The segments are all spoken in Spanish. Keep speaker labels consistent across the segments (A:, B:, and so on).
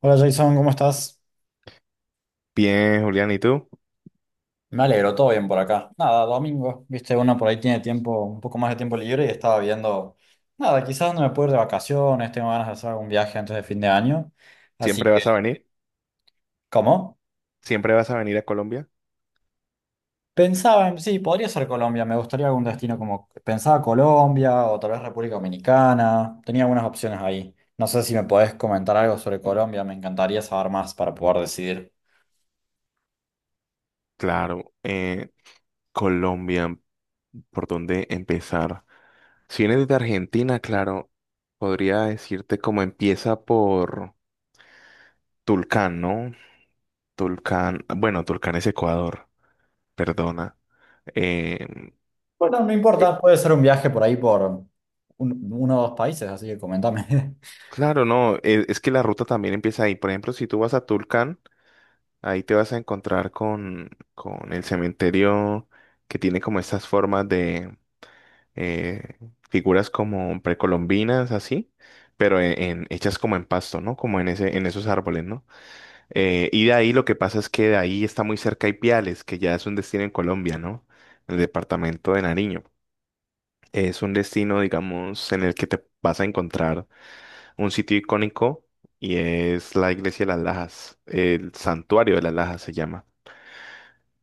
A: Hola Jason, ¿cómo estás?
B: Bien, Julián, ¿y tú?
A: Me alegro, todo bien por acá. Nada, domingo, viste, uno por ahí tiene tiempo, un poco más de tiempo libre y estaba viendo, nada, quizás no me puedo ir de vacaciones, tengo ganas de hacer algún viaje antes de fin de año. Así
B: ¿Siempre
A: que,
B: vas a venir?
A: ¿cómo?
B: ¿Siempre vas a venir a Colombia?
A: Pensaba en, sí, podría ser Colombia, me gustaría algún destino como, pensaba Colombia o tal vez República Dominicana, tenía algunas opciones ahí. No sé si me podés comentar algo sobre Colombia, me encantaría saber más para poder decidir.
B: Claro, Colombia, ¿por dónde empezar? Si vienes de Argentina, claro, podría decirte cómo empieza por Tulcán, ¿no? Tulcán, bueno, Tulcán es Ecuador, perdona. Eh,
A: Bueno, no
B: Yo-
A: importa, puede ser un viaje por ahí por uno o dos países, así que comentame.
B: claro, no, es, que la ruta también empieza ahí. Por ejemplo, si tú vas a Tulcán, ahí te vas a encontrar con el cementerio que tiene como estas formas, eh, figuras como precolombinas, así, pero hechas como en pasto, ¿no? Como en esos árboles, ¿no? Y de ahí lo que pasa es que de ahí está muy cerca Ipiales, que ya es un destino en Colombia, ¿no? El departamento de Nariño. Es un destino, digamos, en el que te vas a encontrar un sitio icónico y es la iglesia de las Lajas, el santuario de las Lajas se llama.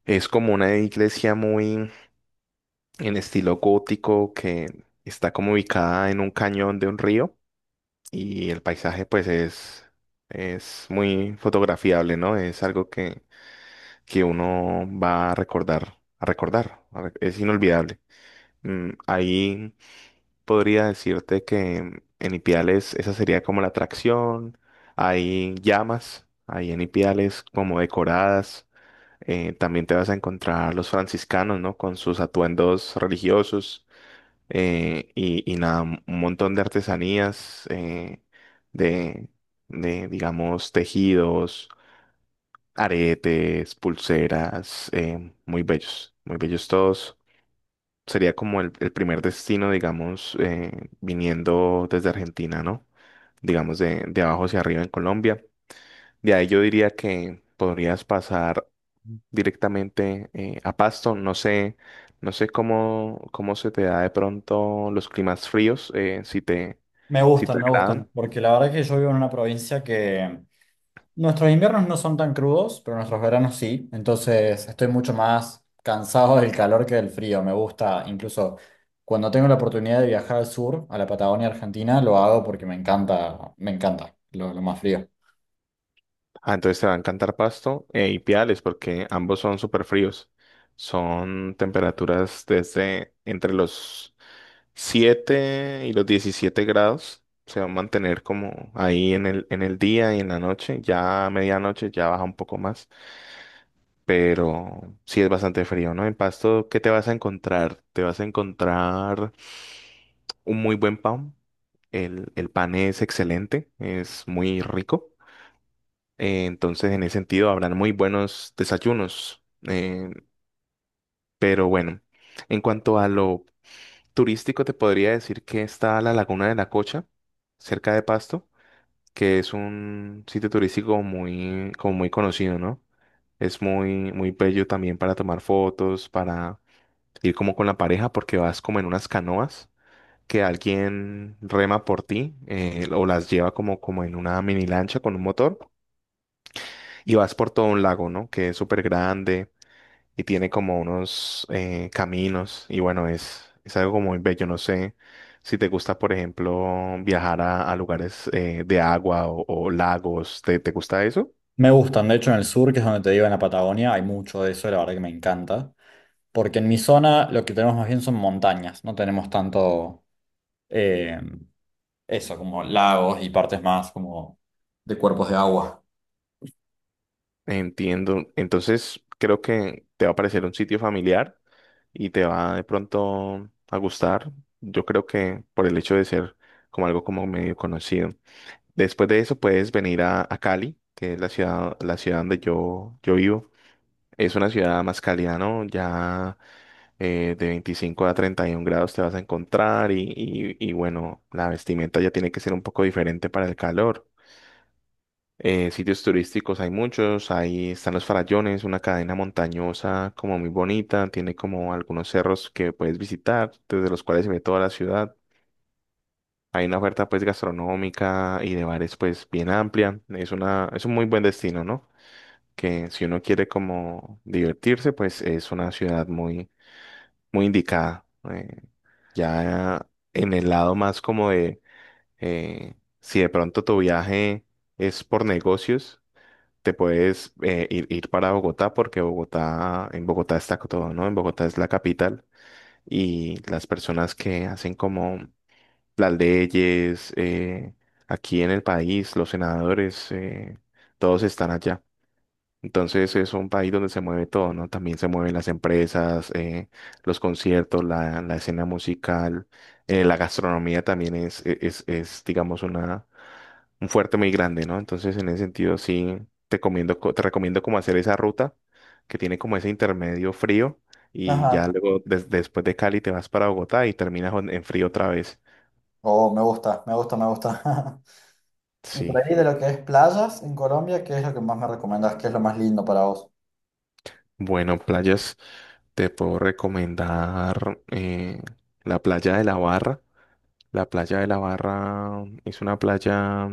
B: Es como una iglesia muy en estilo gótico que está como ubicada en un cañón de un río y el paisaje pues es muy fotografiable, ¿no? Es algo que uno va a recordar, es inolvidable. Ahí podría decirte que en Ipiales esa sería como la atracción, hay llamas, hay en Ipiales como decoradas, también te vas a encontrar los franciscanos, ¿no? Con sus atuendos religiosos, y nada, un montón de artesanías, de, digamos, tejidos, aretes, pulseras, muy bellos todos. Sería como el primer destino, digamos, viniendo desde Argentina, ¿no? Digamos, de abajo hacia arriba en Colombia. De ahí yo diría que podrías pasar directamente, a Pasto. No sé cómo se te da de pronto los climas fríos, si te, si te
A: Me gustan,
B: agradan.
A: porque la verdad que yo vivo en una provincia que nuestros inviernos no son tan crudos, pero nuestros veranos sí, entonces estoy mucho más cansado del calor que del frío, me gusta, incluso cuando tengo la oportunidad de viajar al sur, a la Patagonia Argentina, lo hago porque me encanta lo más frío.
B: Ah, entonces te va a encantar Pasto, y Piales, porque ambos son súper fríos. Son temperaturas desde entre los 7 y los 17 grados. Se va a mantener como ahí en el día y en la noche. Ya a medianoche ya baja un poco más. Pero sí es bastante frío, ¿no? En Pasto, ¿qué te vas a encontrar? Te vas a encontrar un muy buen pan. El pan es excelente, es muy rico. Entonces, en ese sentido, habrán muy buenos desayunos. Pero bueno, en cuanto a lo turístico, te podría decir que está la Laguna de la Cocha, cerca de Pasto, que es un sitio turístico muy, como muy conocido, ¿no? Es muy, muy bello también para tomar fotos, para ir como con la pareja porque vas como en unas canoas que alguien rema por ti, o las lleva como, en una mini lancha con un motor y vas por todo un lago, ¿no? Que es súper grande y tiene como unos, caminos y bueno, es algo como muy bello, no sé. Si te gusta, por ejemplo, viajar a lugares, de agua o lagos, ¿te gusta eso?
A: Me gustan, de hecho en el sur, que es donde te digo, en la Patagonia, hay mucho de eso, la verdad que me encanta, porque en mi zona lo que tenemos más bien son montañas, no tenemos tanto... eh, eso, como lagos y partes más como de cuerpos de agua.
B: Entiendo. Entonces, creo que te va a parecer un sitio familiar y te va de pronto a gustar. Yo creo que por el hecho de ser como algo como medio conocido. Después de eso puedes venir a Cali, que es la ciudad donde yo vivo. Es una ciudad más cálida, ¿no? Ya, de 25 a 31 grados te vas a encontrar y bueno, la vestimenta ya tiene que ser un poco diferente para el calor. Sitios turísticos hay muchos, ahí están los Farallones, una cadena montañosa como muy bonita, tiene como algunos cerros que puedes visitar, desde los cuales se ve toda la ciudad. Hay una oferta pues gastronómica y de bares pues bien amplia, es un muy buen destino, ¿no? Que si uno quiere como divertirse, pues es una ciudad muy, muy indicada. Eh, ya en el lado más como de, si de pronto tu viaje es por negocios, te puedes, ir para Bogotá porque Bogotá, en Bogotá está todo, ¿no? En Bogotá es la capital y las personas que hacen como las leyes, aquí en el país, los senadores, todos están allá. Entonces es un país donde se mueve todo, ¿no? También se mueven las empresas, los conciertos, la escena musical, la gastronomía también es, digamos, un fuerte muy grande, ¿no? Entonces en ese sentido sí te recomiendo como hacer esa ruta que tiene como ese intermedio frío y ya
A: Ajá.
B: luego, después de Cali te vas para Bogotá y terminas en frío otra vez.
A: Oh, me gusta, me gusta, me gusta. Y por
B: Sí,
A: ahí de lo que es playas en Colombia, ¿qué es lo que más me recomendás? ¿Qué es lo más lindo para vos?
B: bueno, playas, te puedo recomendar, la playa de La Barra. La playa de La Barra es una playa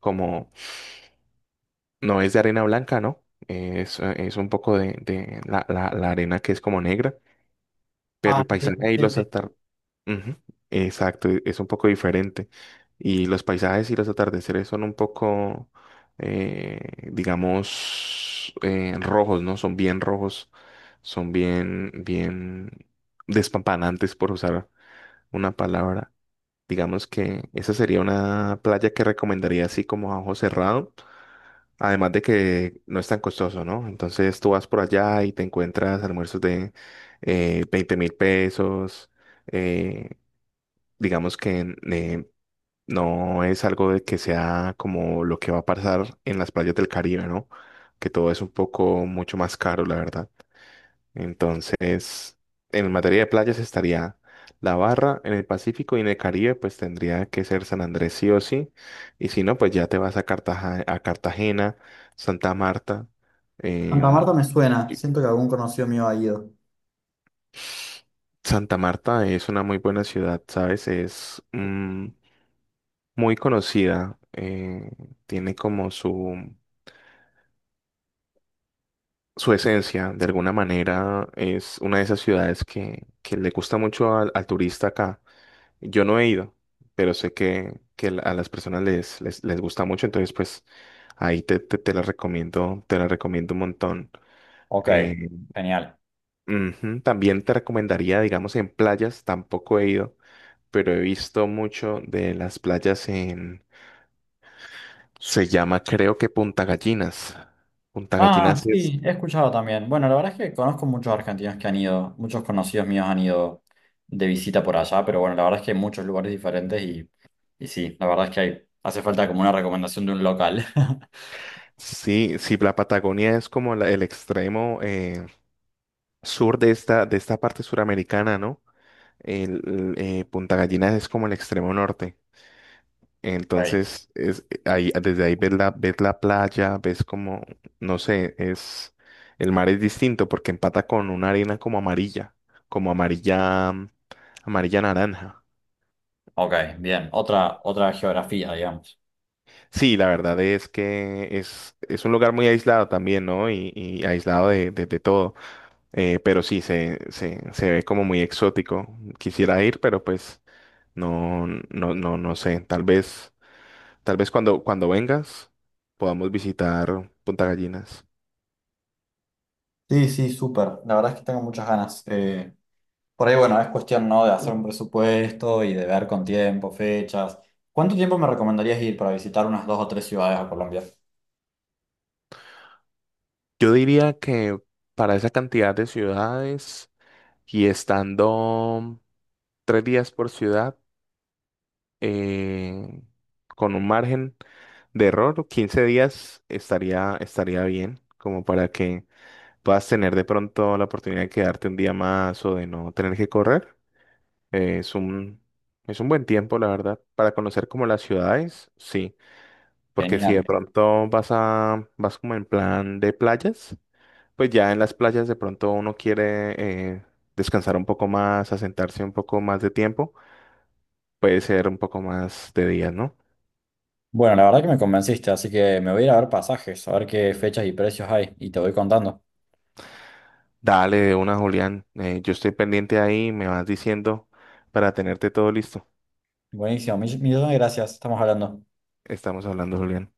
B: como, no es de arena blanca, ¿no? Es un poco de la arena que es como negra, pero
A: Ah,
B: el
A: sí, sí,
B: paisaje y
A: sí,
B: los
A: sí.
B: atardeceres, exacto, es un poco diferente. Y los paisajes y los atardeceres son un poco, eh, digamos, rojos, ¿no? Son bien rojos, son bien, bien despampanantes, por usar una palabra. Digamos que esa sería una playa que recomendaría así como a ojo cerrado. Además de que no es tan costoso, ¿no? Entonces tú vas por allá y te encuentras almuerzos de, 20.000 pesos. eh, digamos que, no es algo de que sea como lo que va a pasar en las playas del Caribe, ¿no? Que todo es un poco mucho más caro, la verdad. Entonces, en materia de playas estaría La Barra, en el Pacífico y en el Caribe, pues tendría que ser San Andrés sí o sí. Y si no, pues ya te vas a Cartagena, Santa Marta.
A: Santa
B: em,
A: Marta me suena.
B: y
A: Siento que algún conocido mío ha ido.
B: Santa Marta es una muy buena ciudad, ¿sabes? Es, muy conocida, tiene como su esencia, de alguna manera es una de esas ciudades que le gusta mucho al turista acá. Yo no he ido, pero sé que a las personas les gusta mucho, entonces pues ahí te la recomiendo, te la recomiendo un montón.
A: Ok,
B: Eh,
A: genial.
B: ujú, también te recomendaría, digamos, en playas, tampoco he ido, pero he visto mucho de las playas en, se llama creo que Punta Gallinas. Punta
A: Ah,
B: Gallinas es,
A: sí, he escuchado también. Bueno, la verdad es que conozco muchos argentinos que han ido, muchos conocidos míos han ido de visita por allá, pero bueno, la verdad es que hay muchos lugares diferentes. Y sí, la verdad es que hay, hace falta como una recomendación de un local.
B: sí, sí, la Patagonia es como el extremo, sur de esta parte suramericana, ¿no? Punta Gallinas es como el extremo norte.
A: Ok,
B: Entonces, desde ahí ves la playa, ves como, no sé, el mar es distinto porque empata con una arena como amarilla, amarilla naranja.
A: ok, bien.
B: Mm.
A: Otra, otra geografía, digamos.
B: Sí, la verdad es que es un lugar muy aislado también, ¿no? Y aislado de, de todo. Pero sí, se ve como muy exótico. Quisiera ir, pero pues no, no, no, no sé. Tal vez. Tal vez cuando vengas podamos visitar Punta Gallinas.
A: Sí, sí, súper. La verdad es que tengo muchas ganas. Por ahí, bueno, es cuestión, ¿no? De hacer un presupuesto y de ver con tiempo, fechas. ¿Cuánto tiempo me recomendarías ir para visitar unas dos o tres ciudades a Colombia?
B: Yo diría que para esa cantidad de ciudades y estando 3 días por ciudad, eh, con un margen de error, 15 días estaría bien, como para que puedas tener de pronto la oportunidad de quedarte un día más o de no tener que correr. Eh, es un, es un buen tiempo, la verdad, para conocer como las ciudades, sí. Porque si
A: Genial.
B: de pronto vas como en plan de playas, pues ya en las playas de pronto uno quiere, eh, descansar un poco más, asentarse un poco más de tiempo, puede ser un poco más de días, ¿no?
A: Bueno, la verdad que me convenciste, así que me voy a ir a ver pasajes, a ver qué fechas y precios hay, y te voy contando.
B: Dale de una, Julián, yo estoy pendiente ahí, me vas diciendo para tenerte todo listo.
A: Buenísimo, millones de gracias, estamos hablando.
B: Estamos hablando, Julián.